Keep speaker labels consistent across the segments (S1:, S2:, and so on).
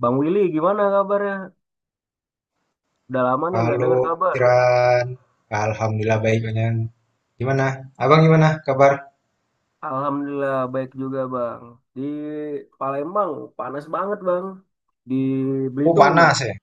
S1: Bang Willy, gimana kabarnya? Udah lama nih nggak
S2: Halo,
S1: dengar kabar.
S2: Tiran. Alhamdulillah baik, Bang. Gimana? Abang gimana kabar?
S1: Alhamdulillah baik juga Bang. Di Palembang panas banget Bang. Di
S2: Oh,
S1: Belitung gimana?
S2: panas ya.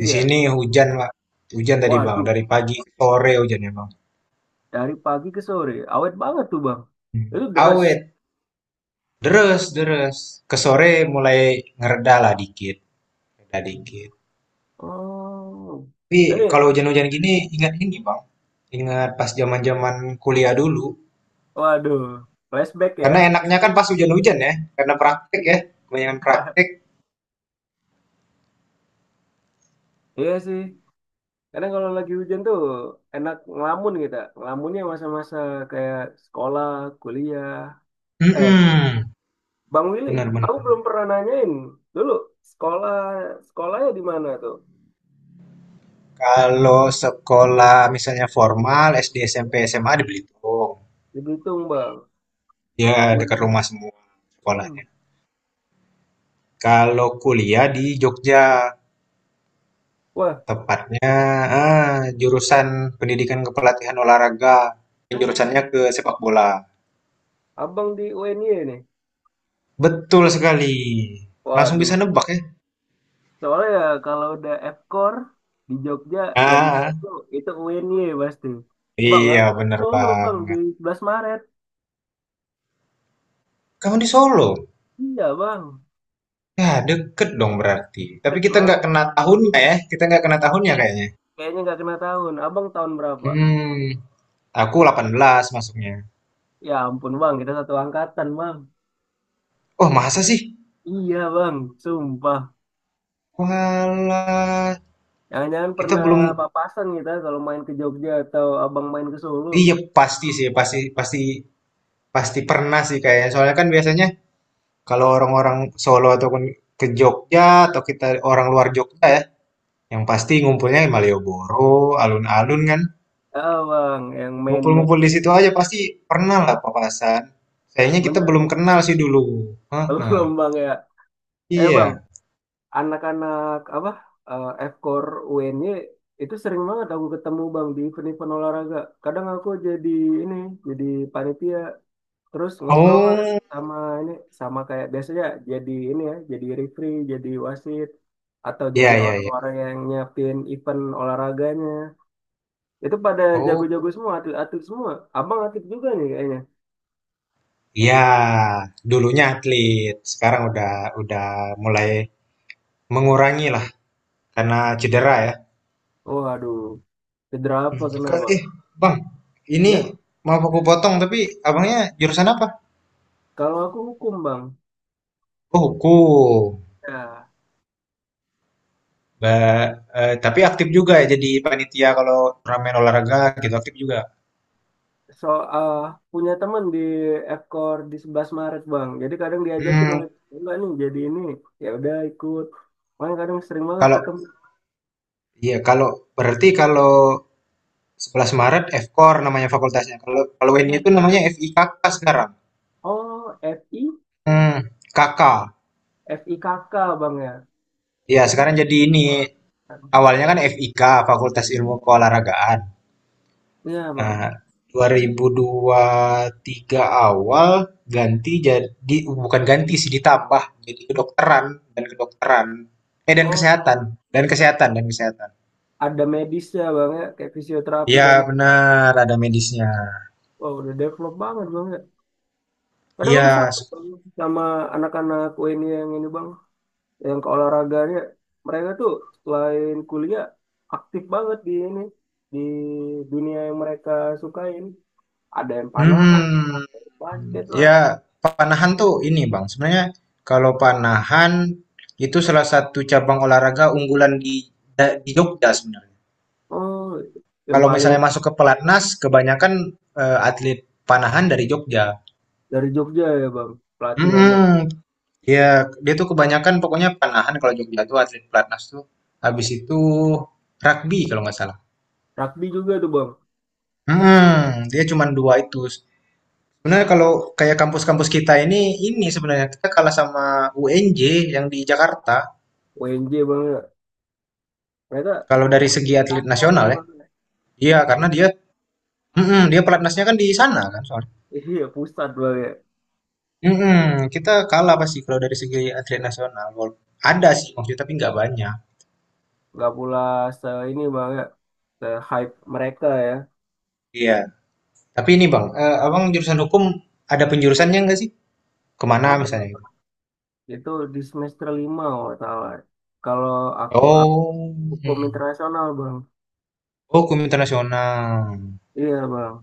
S2: Di sini hujan, Pak. Hujan tadi, Bang.
S1: Waduh,
S2: Dari pagi ke sore hujannya, Bang.
S1: dari pagi ke sore awet banget tuh Bang. Itu deres.
S2: Awet. Deres, deres. Ke sore mulai ngereda lah dikit. Reda dikit.
S1: Oh,
S2: Tapi
S1: ini
S2: kalau hujan-hujan gini, ingat ini, Bang. Ingat pas zaman-zaman kuliah dulu.
S1: waduh, flashback ya.
S2: Karena enaknya kan pas hujan-hujan ya. Karena praktek ya.
S1: Iya
S2: Kebanyakan praktek.
S1: Iya sih. Kadang kalau lagi hujan tuh enak ngelamun kita. Ngelamunnya masa-masa kayak sekolah, kuliah. Eh,
S2: Mm-mm.
S1: Bang Willy,
S2: Bener, bener.
S1: aku belum pernah nanyain dulu sekolah sekolahnya di mana tuh?
S2: Kalau sekolah misalnya formal SD, SMP, SMA di Belitung.
S1: Di Belitung, Bang.
S2: Ya dekat rumah semua
S1: Hmm.
S2: sekolahnya. Kalau kuliah di Jogja,
S1: Wah,
S2: tepatnya jurusan Pendidikan Kepelatihan Olahraga. Jurusannya
S1: oh,
S2: ke sepak bola.
S1: Abang di UNY nih.
S2: Betul sekali. Langsung bisa
S1: Waduh,
S2: nebak ya.
S1: soalnya ya kalau udah Fkor di Jogja yang
S2: Ah,
S1: itu itu UNY pasti. Bang,
S2: iya
S1: aku di
S2: bener
S1: Solo, Bang, di
S2: banget.
S1: 11 Maret.
S2: Kamu di Solo?
S1: Iya, Bang.
S2: Ya, deket dong berarti. Tapi
S1: Ket,
S2: kita
S1: Bang.
S2: nggak kena tahunnya ya. Kita nggak kena tahunnya kayaknya.
S1: Kayaknya nggak kena tahun. Abang tahun berapa?
S2: Hmm, aku 18 masuknya.
S1: Ya ampun, Bang, kita satu angkatan, Bang.
S2: Oh, masa sih?
S1: Iya, Bang, sumpah.
S2: Walah,
S1: Jangan-jangan
S2: kita
S1: pernah
S2: belum
S1: papasan kita kalau main ke Jogja atau abang main ke Solo.
S2: iya pasti sih, pasti pasti pasti pernah sih kayaknya. Soalnya kan biasanya kalau orang-orang Solo ataupun ke Jogja atau kita orang luar Jogja ya, yang pasti ngumpulnya di Malioboro, alun-alun kan.
S1: Ah, bang, yang main-main.
S2: Ngumpul-ngumpul di situ aja pasti pernah lah papasan. Sayangnya kita belum
S1: Bener,
S2: kenal sih dulu. Heeh.
S1: belum bang ya. Eh bang,
S2: Iya.
S1: anak-anak apa, F-Core UNY itu sering banget aku ketemu bang di event-event olahraga. Kadang aku jadi ini, jadi panitia. Terus ngobrol lah
S2: Oh,
S1: sama ini, sama kayak biasanya jadi ini ya, jadi referee, jadi wasit. Atau
S2: iya
S1: jadi
S2: iya iya.
S1: orang-orang yang nyiapin event olahraganya. Itu pada
S2: Oh,
S1: jago-jago semua, atlet-atlet semua. Abang atlet juga nih kayaknya.
S2: iya. Dulunya atlet, sekarang udah mulai mengurangi lah karena cedera ya.
S1: Oh, aduh. Cedera apa kena, Bang?
S2: Eh, Bang,
S1: Ya,
S2: ini mau aku potong, tapi abangnya jurusan apa?
S1: kalau aku hukum, Bang.
S2: Oh, hukum.
S1: Ya,
S2: Ba- eh, tapi aktif juga ya jadi panitia kalau turnamen olahraga gitu aktif juga.
S1: so, ah, punya teman di Ekor di 11 Maret, Bang. Jadi kadang diajakin
S2: Hmm,
S1: oleh enggak nih, jadi ini. Ya udah ikut. Makanya kadang sering banget
S2: kalau
S1: ketemu.
S2: iya kalau berarti kalau 11 Maret FKOR namanya fakultasnya. Kalau kalau ini
S1: Iya.
S2: itu namanya FIKK sekarang.
S1: Oh, FI?
S2: Hmm, KK.
S1: FI kakak, Bang ya.
S2: Ya, sekarang jadi ini awalnya kan FIK Fakultas Ilmu Keolahragaan.
S1: Iya,
S2: Nah,
S1: Bang.
S2: 2003 awal ganti jadi, bukan ganti sih, ditambah jadi kedokteran dan kedokteran eh dan
S1: Oh,
S2: kesehatan dan kesehatan dan kesehatan.
S1: ada medisnya, Bang ya. Kayak fisioterapi
S2: Iya
S1: dan...
S2: benar ada medisnya.
S1: Oh, udah develop banget, Bang ya? Kadang aku
S2: Iya.
S1: salut Bang, sama anak-anak UIN yang ini bang, yang keolahragaannya. Mereka tuh selain kuliah aktif banget di ini, di dunia yang mereka sukain. Ada yang panahan,
S2: Hmm.
S1: basket lah.
S2: Ya panahan tuh ini Bang. Sebenarnya kalau panahan itu salah satu cabang olahraga unggulan di di Jogja sebenarnya.
S1: Oh, yang
S2: Kalau
S1: paling
S2: misalnya masuk ke pelatnas kebanyakan atlet panahan dari Jogja.
S1: dari Jogja ya bang,
S2: Mhm,
S1: pelatihannya.
S2: iya, dia tuh kebanyakan pokoknya panahan kalau Jogja tuh atlet pelatnas tuh. Habis itu rugby kalau nggak salah.
S1: Rugby juga tuh bang,
S2: Mhm, dia cuma dua itu. Sebenarnya kalau kayak kampus-kampus kita ini sebenarnya kita kalah sama UNJ yang di Jakarta.
S1: UNJ bang. Ya, mereka
S2: Kalau dari segi atlet
S1: fasilitasnya
S2: nasional
S1: tuh
S2: ya,
S1: bang.
S2: iya karena dia pelatnasnya kan di sana kan soalnya.
S1: Iya, pusat bang ya.
S2: Mhm, kita kalah pasti kalau dari segi atlet nasional. Ada sih maksudnya tapi nggak banyak.
S1: Nggak pula se ini bang ya, se hype mereka ya.
S2: Iya. Tapi ini bang, abang jurusan hukum ada penjurusannya nggak sih? Kemana
S1: Ada
S2: misalnya gitu?
S1: Itu di semester lima kalau nggak salah. Kalau aku
S2: Oh,
S1: hukum
S2: Mhm.
S1: internasional bang.
S2: Oh, hukum internasional.
S1: Iya bang.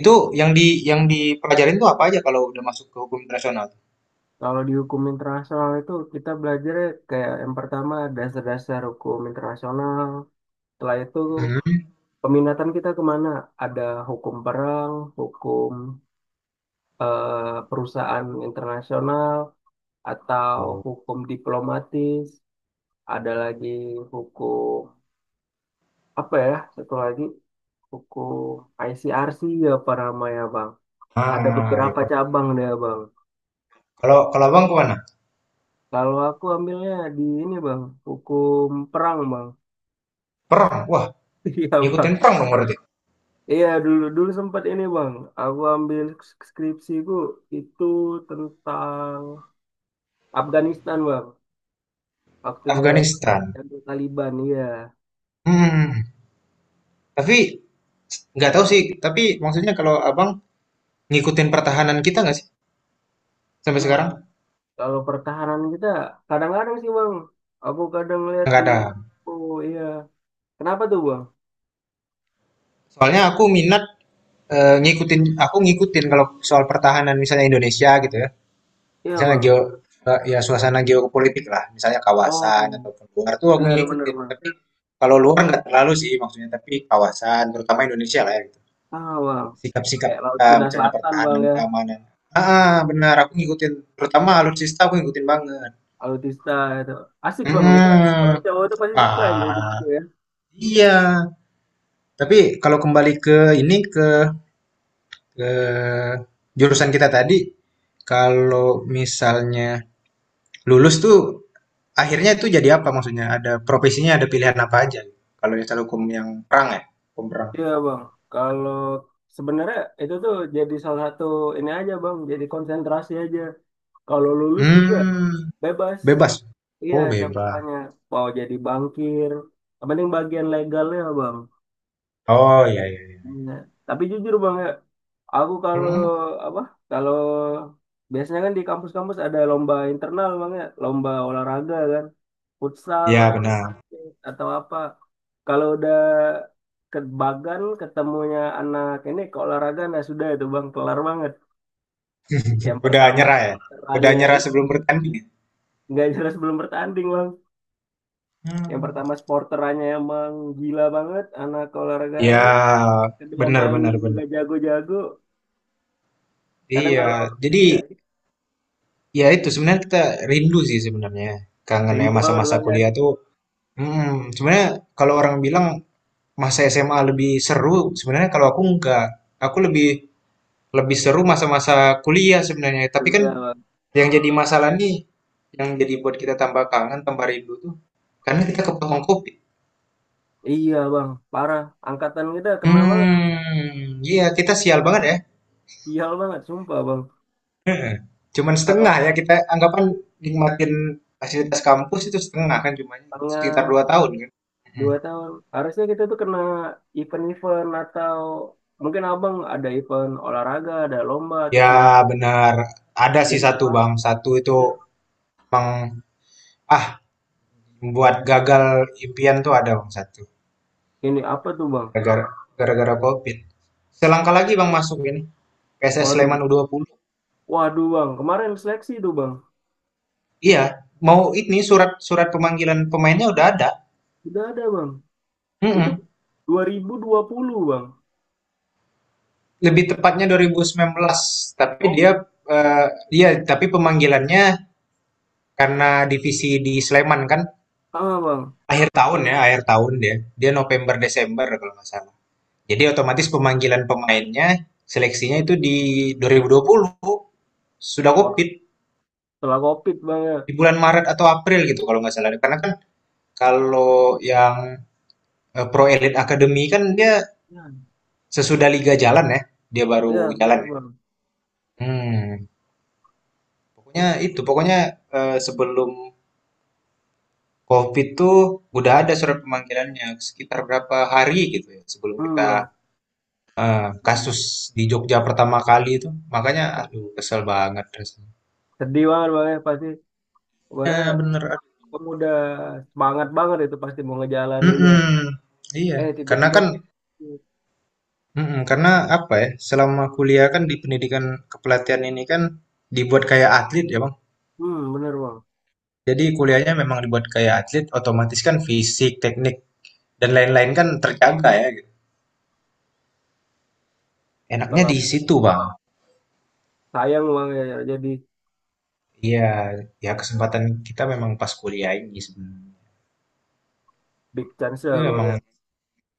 S2: Itu yang dipelajarin tuh apa aja kalau udah masuk ke hukum internasional?
S1: Kalau di hukum internasional itu kita belajar kayak yang pertama dasar-dasar hukum internasional. Setelah itu
S2: Mhm.
S1: peminatan kita kemana? Ada hukum perang, hukum perusahaan internasional, atau
S2: Oh,
S1: hukum diplomatis. Ada lagi hukum apa ya? Satu lagi hukum ICRC ya para maya. Ada
S2: ah, ya
S1: beberapa
S2: per-
S1: cabang deh, Bang.
S2: Kalau kalau abang kemana?
S1: Kalau aku ambilnya di ini, Bang, hukum perang, Bang.
S2: Perang. Wah,
S1: Iya,
S2: ngikutin
S1: Bang.
S2: perang dong berarti.
S1: Iya, dulu dulu sempat ini, Bang. Aku ambil skripsiku itu tentang Afghanistan, Bang. Waktu dia
S2: Afghanistan.
S1: Yang Taliban, iya.
S2: Hmm. Tapi nggak tahu sih. Tapi maksudnya kalau abang ngikutin pertahanan kita nggak sih sampai
S1: Nah,
S2: sekarang?
S1: kalau pertahanan kita kadang-kadang sih, Bang. Aku kadang lihat
S2: Nggak
S1: di
S2: ada.
S1: oh iya. Kenapa tuh, Bang?
S2: Soalnya aku minat ngikutin. Aku ngikutin kalau soal pertahanan misalnya Indonesia gitu ya.
S1: Iya,
S2: Misalnya
S1: Bang.
S2: ya suasana geopolitik lah, misalnya
S1: Oh,
S2: kawasan ataupun luar tuh aku
S1: benar-benar,
S2: ngikutin,
S1: Bang.
S2: tapi kalau luar nggak terlalu sih maksudnya, tapi kawasan terutama Indonesia lah ya gitu.
S1: Ah, Bang.
S2: Sikap-sikap
S1: Kayak Laut
S2: kita
S1: Cina
S2: misalnya
S1: Selatan, Bang
S2: pertahanan,
S1: ya.
S2: keamanan. Benar, aku ngikutin, terutama alutsista aku ngikutin banget.
S1: Alutista itu asik bang, kita
S2: Mhm.
S1: kalau cowok tuh pasti suka yang kayak
S2: Wah,
S1: gitu ya.
S2: iya. Tapi kalau kembali ke ini, ke jurusan kita tadi, kalau misalnya lulus tuh akhirnya itu jadi apa maksudnya? Ada profesinya, ada pilihan apa aja? Kalau jasa hukum yang perang ya, hukum perang.
S1: Iya bang, kalau sebenarnya itu tuh jadi salah satu ini aja bang, jadi konsentrasi aja. Kalau lulus juga
S2: Hmm,
S1: bebas,
S2: Bebas.
S1: iya
S2: Oh, bebas.
S1: cakupannya, mau jadi bankir, yang penting bagian legalnya bang.
S2: Oh, iya iya. Iya.
S1: Iya. Tapi jujur bang ya, aku kalau
S2: Hmm,
S1: apa, kalau biasanya kan di kampus-kampus ada lomba internal bang ya, lomba olahraga kan, futsal
S2: Ya
S1: lah
S2: benar.
S1: atau apa. Kalau udah ke Bagan ketemunya anak ini ke olahraga, nah sudah itu bang, kelar banget. Yang
S2: Udah
S1: pertama
S2: nyerah ya? Udah
S1: sporterannya
S2: nyerah
S1: ini,
S2: sebelum bertanding ya?
S1: nggak jelas, belum bertanding bang. Yang
S2: Hmm.
S1: pertama sporterannya emang gila banget anak keolahragaan,
S2: Ya,
S1: kedua
S2: benar
S1: mainnya
S2: benar
S1: juga
S2: benar.
S1: jago-jago. Kadang
S2: Iya,
S1: kalau
S2: jadi
S1: ya,
S2: ya itu sebenarnya kita rindu sih sebenarnya. Kangen ya
S1: rindu banget
S2: masa-masa
S1: bang ya
S2: kuliah tuh. Sebenarnya kalau orang bilang masa SMA lebih seru, sebenarnya kalau aku enggak. Aku lebih Lebih seru masa-masa kuliah sebenarnya, tapi kan
S1: kuliah bang.
S2: yang jadi masalah nih, yang jadi buat kita tambah kangen, tambah rindu tuh, karena kita kepotong kopi.
S1: Iya bang, parah, angkatan kita kena banget.
S2: Iya kita sial banget ya.
S1: Sial banget sumpah bang.
S2: Cuman
S1: Eh,
S2: setengah ya kita anggapan nikmatin fasilitas kampus itu setengah kan cuma sekitar
S1: tengah
S2: 2 tahun kan. Mhm.
S1: 2 tahun. Harusnya kita tuh kena event-event atau mungkin abang ada event olahraga, ada lomba atau
S2: Ya
S1: semacam.
S2: benar, ada sih
S1: Jadi tuh
S2: satu bang,
S1: pasti.
S2: satu itu emang ah membuat gagal impian tuh ada bang satu,
S1: Ini apa tuh bang?
S2: gara-gara gara-gara COVID. Selangkah lagi bang masuk ini. PSS
S1: Waduh,
S2: Sleman U20.
S1: waduh bang. Kemarin seleksi tuh bang.
S2: Iya, mau ini surat surat pemanggilan pemainnya udah ada.
S1: Sudah ada bang. Itu dua
S2: Mm-mm.
S1: 2020 bang.
S2: Lebih tepatnya 2019, tapi
S1: Oh,
S2: dia eh, iya, tapi pemanggilannya karena divisi di Sleman kan
S1: sama bang.
S2: akhir tahun ya, akhir tahun dia. Dia November Desember kalau nggak salah. Jadi otomatis pemanggilan pemainnya seleksinya itu di 2020 sudah
S1: Wah,
S2: COVID
S1: setelah COVID bang ya.
S2: di bulan Maret atau April gitu kalau nggak salah. Karena kan kalau yang Pro Elite Academy kan dia
S1: Ya,
S2: sesudah liga jalan ya, dia baru
S1: ya,
S2: jalan
S1: benar
S2: ya?
S1: bang.
S2: Hmm, Pokoknya itu, pokoknya sebelum COVID tuh udah ada surat pemanggilannya sekitar berapa hari gitu ya sebelum
S1: Hmm
S2: kita
S1: bang.
S2: kasus di Jogja pertama kali itu. Makanya aduh kesel banget rasanya.
S1: Sedih banget bang ya pasti. Kemarin
S2: Ya bener. Aduh.
S1: kamu udah semangat banget, itu pasti mau ngejalaninnya.
S2: Mm-mm. Iya,
S1: Eh
S2: karena kan
S1: tiba-tiba.
S2: mm-mm, karena apa ya? Selama kuliah kan di pendidikan kepelatihan ini kan dibuat kayak atlet ya, Bang.
S1: Hmm bener bang.
S2: Jadi kuliahnya memang dibuat kayak atlet, otomatis kan fisik, teknik, dan lain-lain kan terjaga ya gitu. Enaknya
S1: Setelah
S2: di situ, Bang.
S1: sayang bang ya ya. Jadi
S2: Iya, ya kesempatan kita memang pas kuliah ini sebenarnya.
S1: big chance ya
S2: Tapi
S1: bang
S2: memang
S1: ya.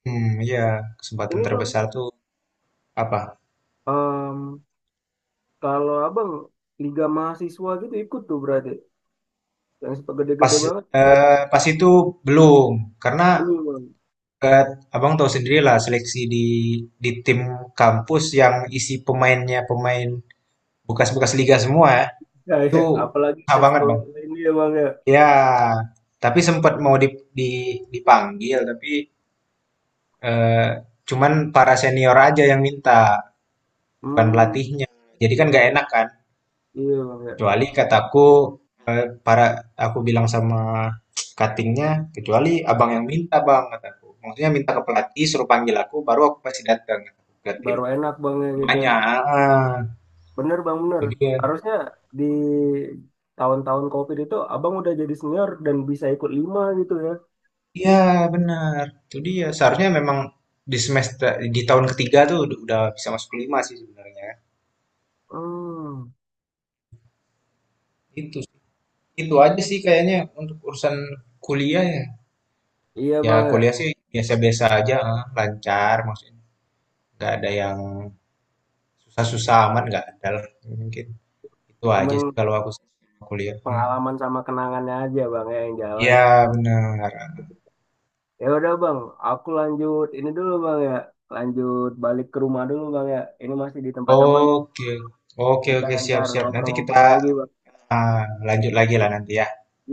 S2: ya kesempatan
S1: Ini bang,
S2: terbesar tuh apa?
S1: em, kalau abang Liga Mahasiswa gitu ikut tuh berarti yang sepak
S2: Pas
S1: gede-gede banget,
S2: pas itu belum karena
S1: belum bang.
S2: eh, Abang tahu sendiri lah seleksi di tim kampus yang isi pemainnya pemain bekas-bekas liga semua ya.
S1: Ya, ya.
S2: Itu
S1: Apalagi
S2: susah
S1: ke
S2: banget,
S1: sekolah
S2: Bang.
S1: ini ya bang ya.
S2: Ya, tapi sempat mau di, dipanggil tapi Eee, cuman para senior aja yang minta, bukan
S1: Hmm,
S2: pelatihnya. Jadi kan nggak enak kan.
S1: iya bang ya.
S2: Kecuali kataku, eee, para aku bilang sama cutting "Kecuali abang yang minta bang," kataku. Maksudnya minta ke pelatih, suruh panggil aku, baru aku pasti datang kataku, ke tim.
S1: Baru enak bang ya kita.
S2: Banyak heeh,
S1: Bener bang bener.
S2: itu dia.
S1: Harusnya di tahun-tahun COVID itu abang udah jadi senior dan bisa ikut lima gitu ya.
S2: Iya, benar. Itu dia, seharusnya memang di semester di tahun ketiga tuh udah bisa masuk ke sih sebenarnya.
S1: Hmm,
S2: Itu Itu aja sih kayaknya untuk urusan kuliah ya.
S1: iya
S2: Ya
S1: bang ya.
S2: kuliah sih biasa-biasa aja, lancar maksudnya. Nggak ada yang susah-susah amat, nggak ada lah. Mungkin itu aja
S1: Cuman
S2: sih kalau aku sih sama kuliah. Hmm.
S1: pengalaman sama kenangannya aja bang ya yang jalan.
S2: Iya benar.
S1: Ya udah bang, aku lanjut ini dulu bang ya, lanjut balik ke rumah dulu bang ya. Ini masih di tempat teman,
S2: Oke, oke,
S1: kita
S2: oke,
S1: ntar
S2: siap-siap. Nanti
S1: ngobrol-ngobrol
S2: kita
S1: lagi bang.
S2: ah, lanjut lagi lah nanti ya.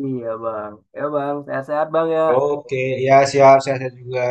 S1: Iya bang, ya bang, sehat-sehat bang ya.
S2: Oke, ya siap, saya juga.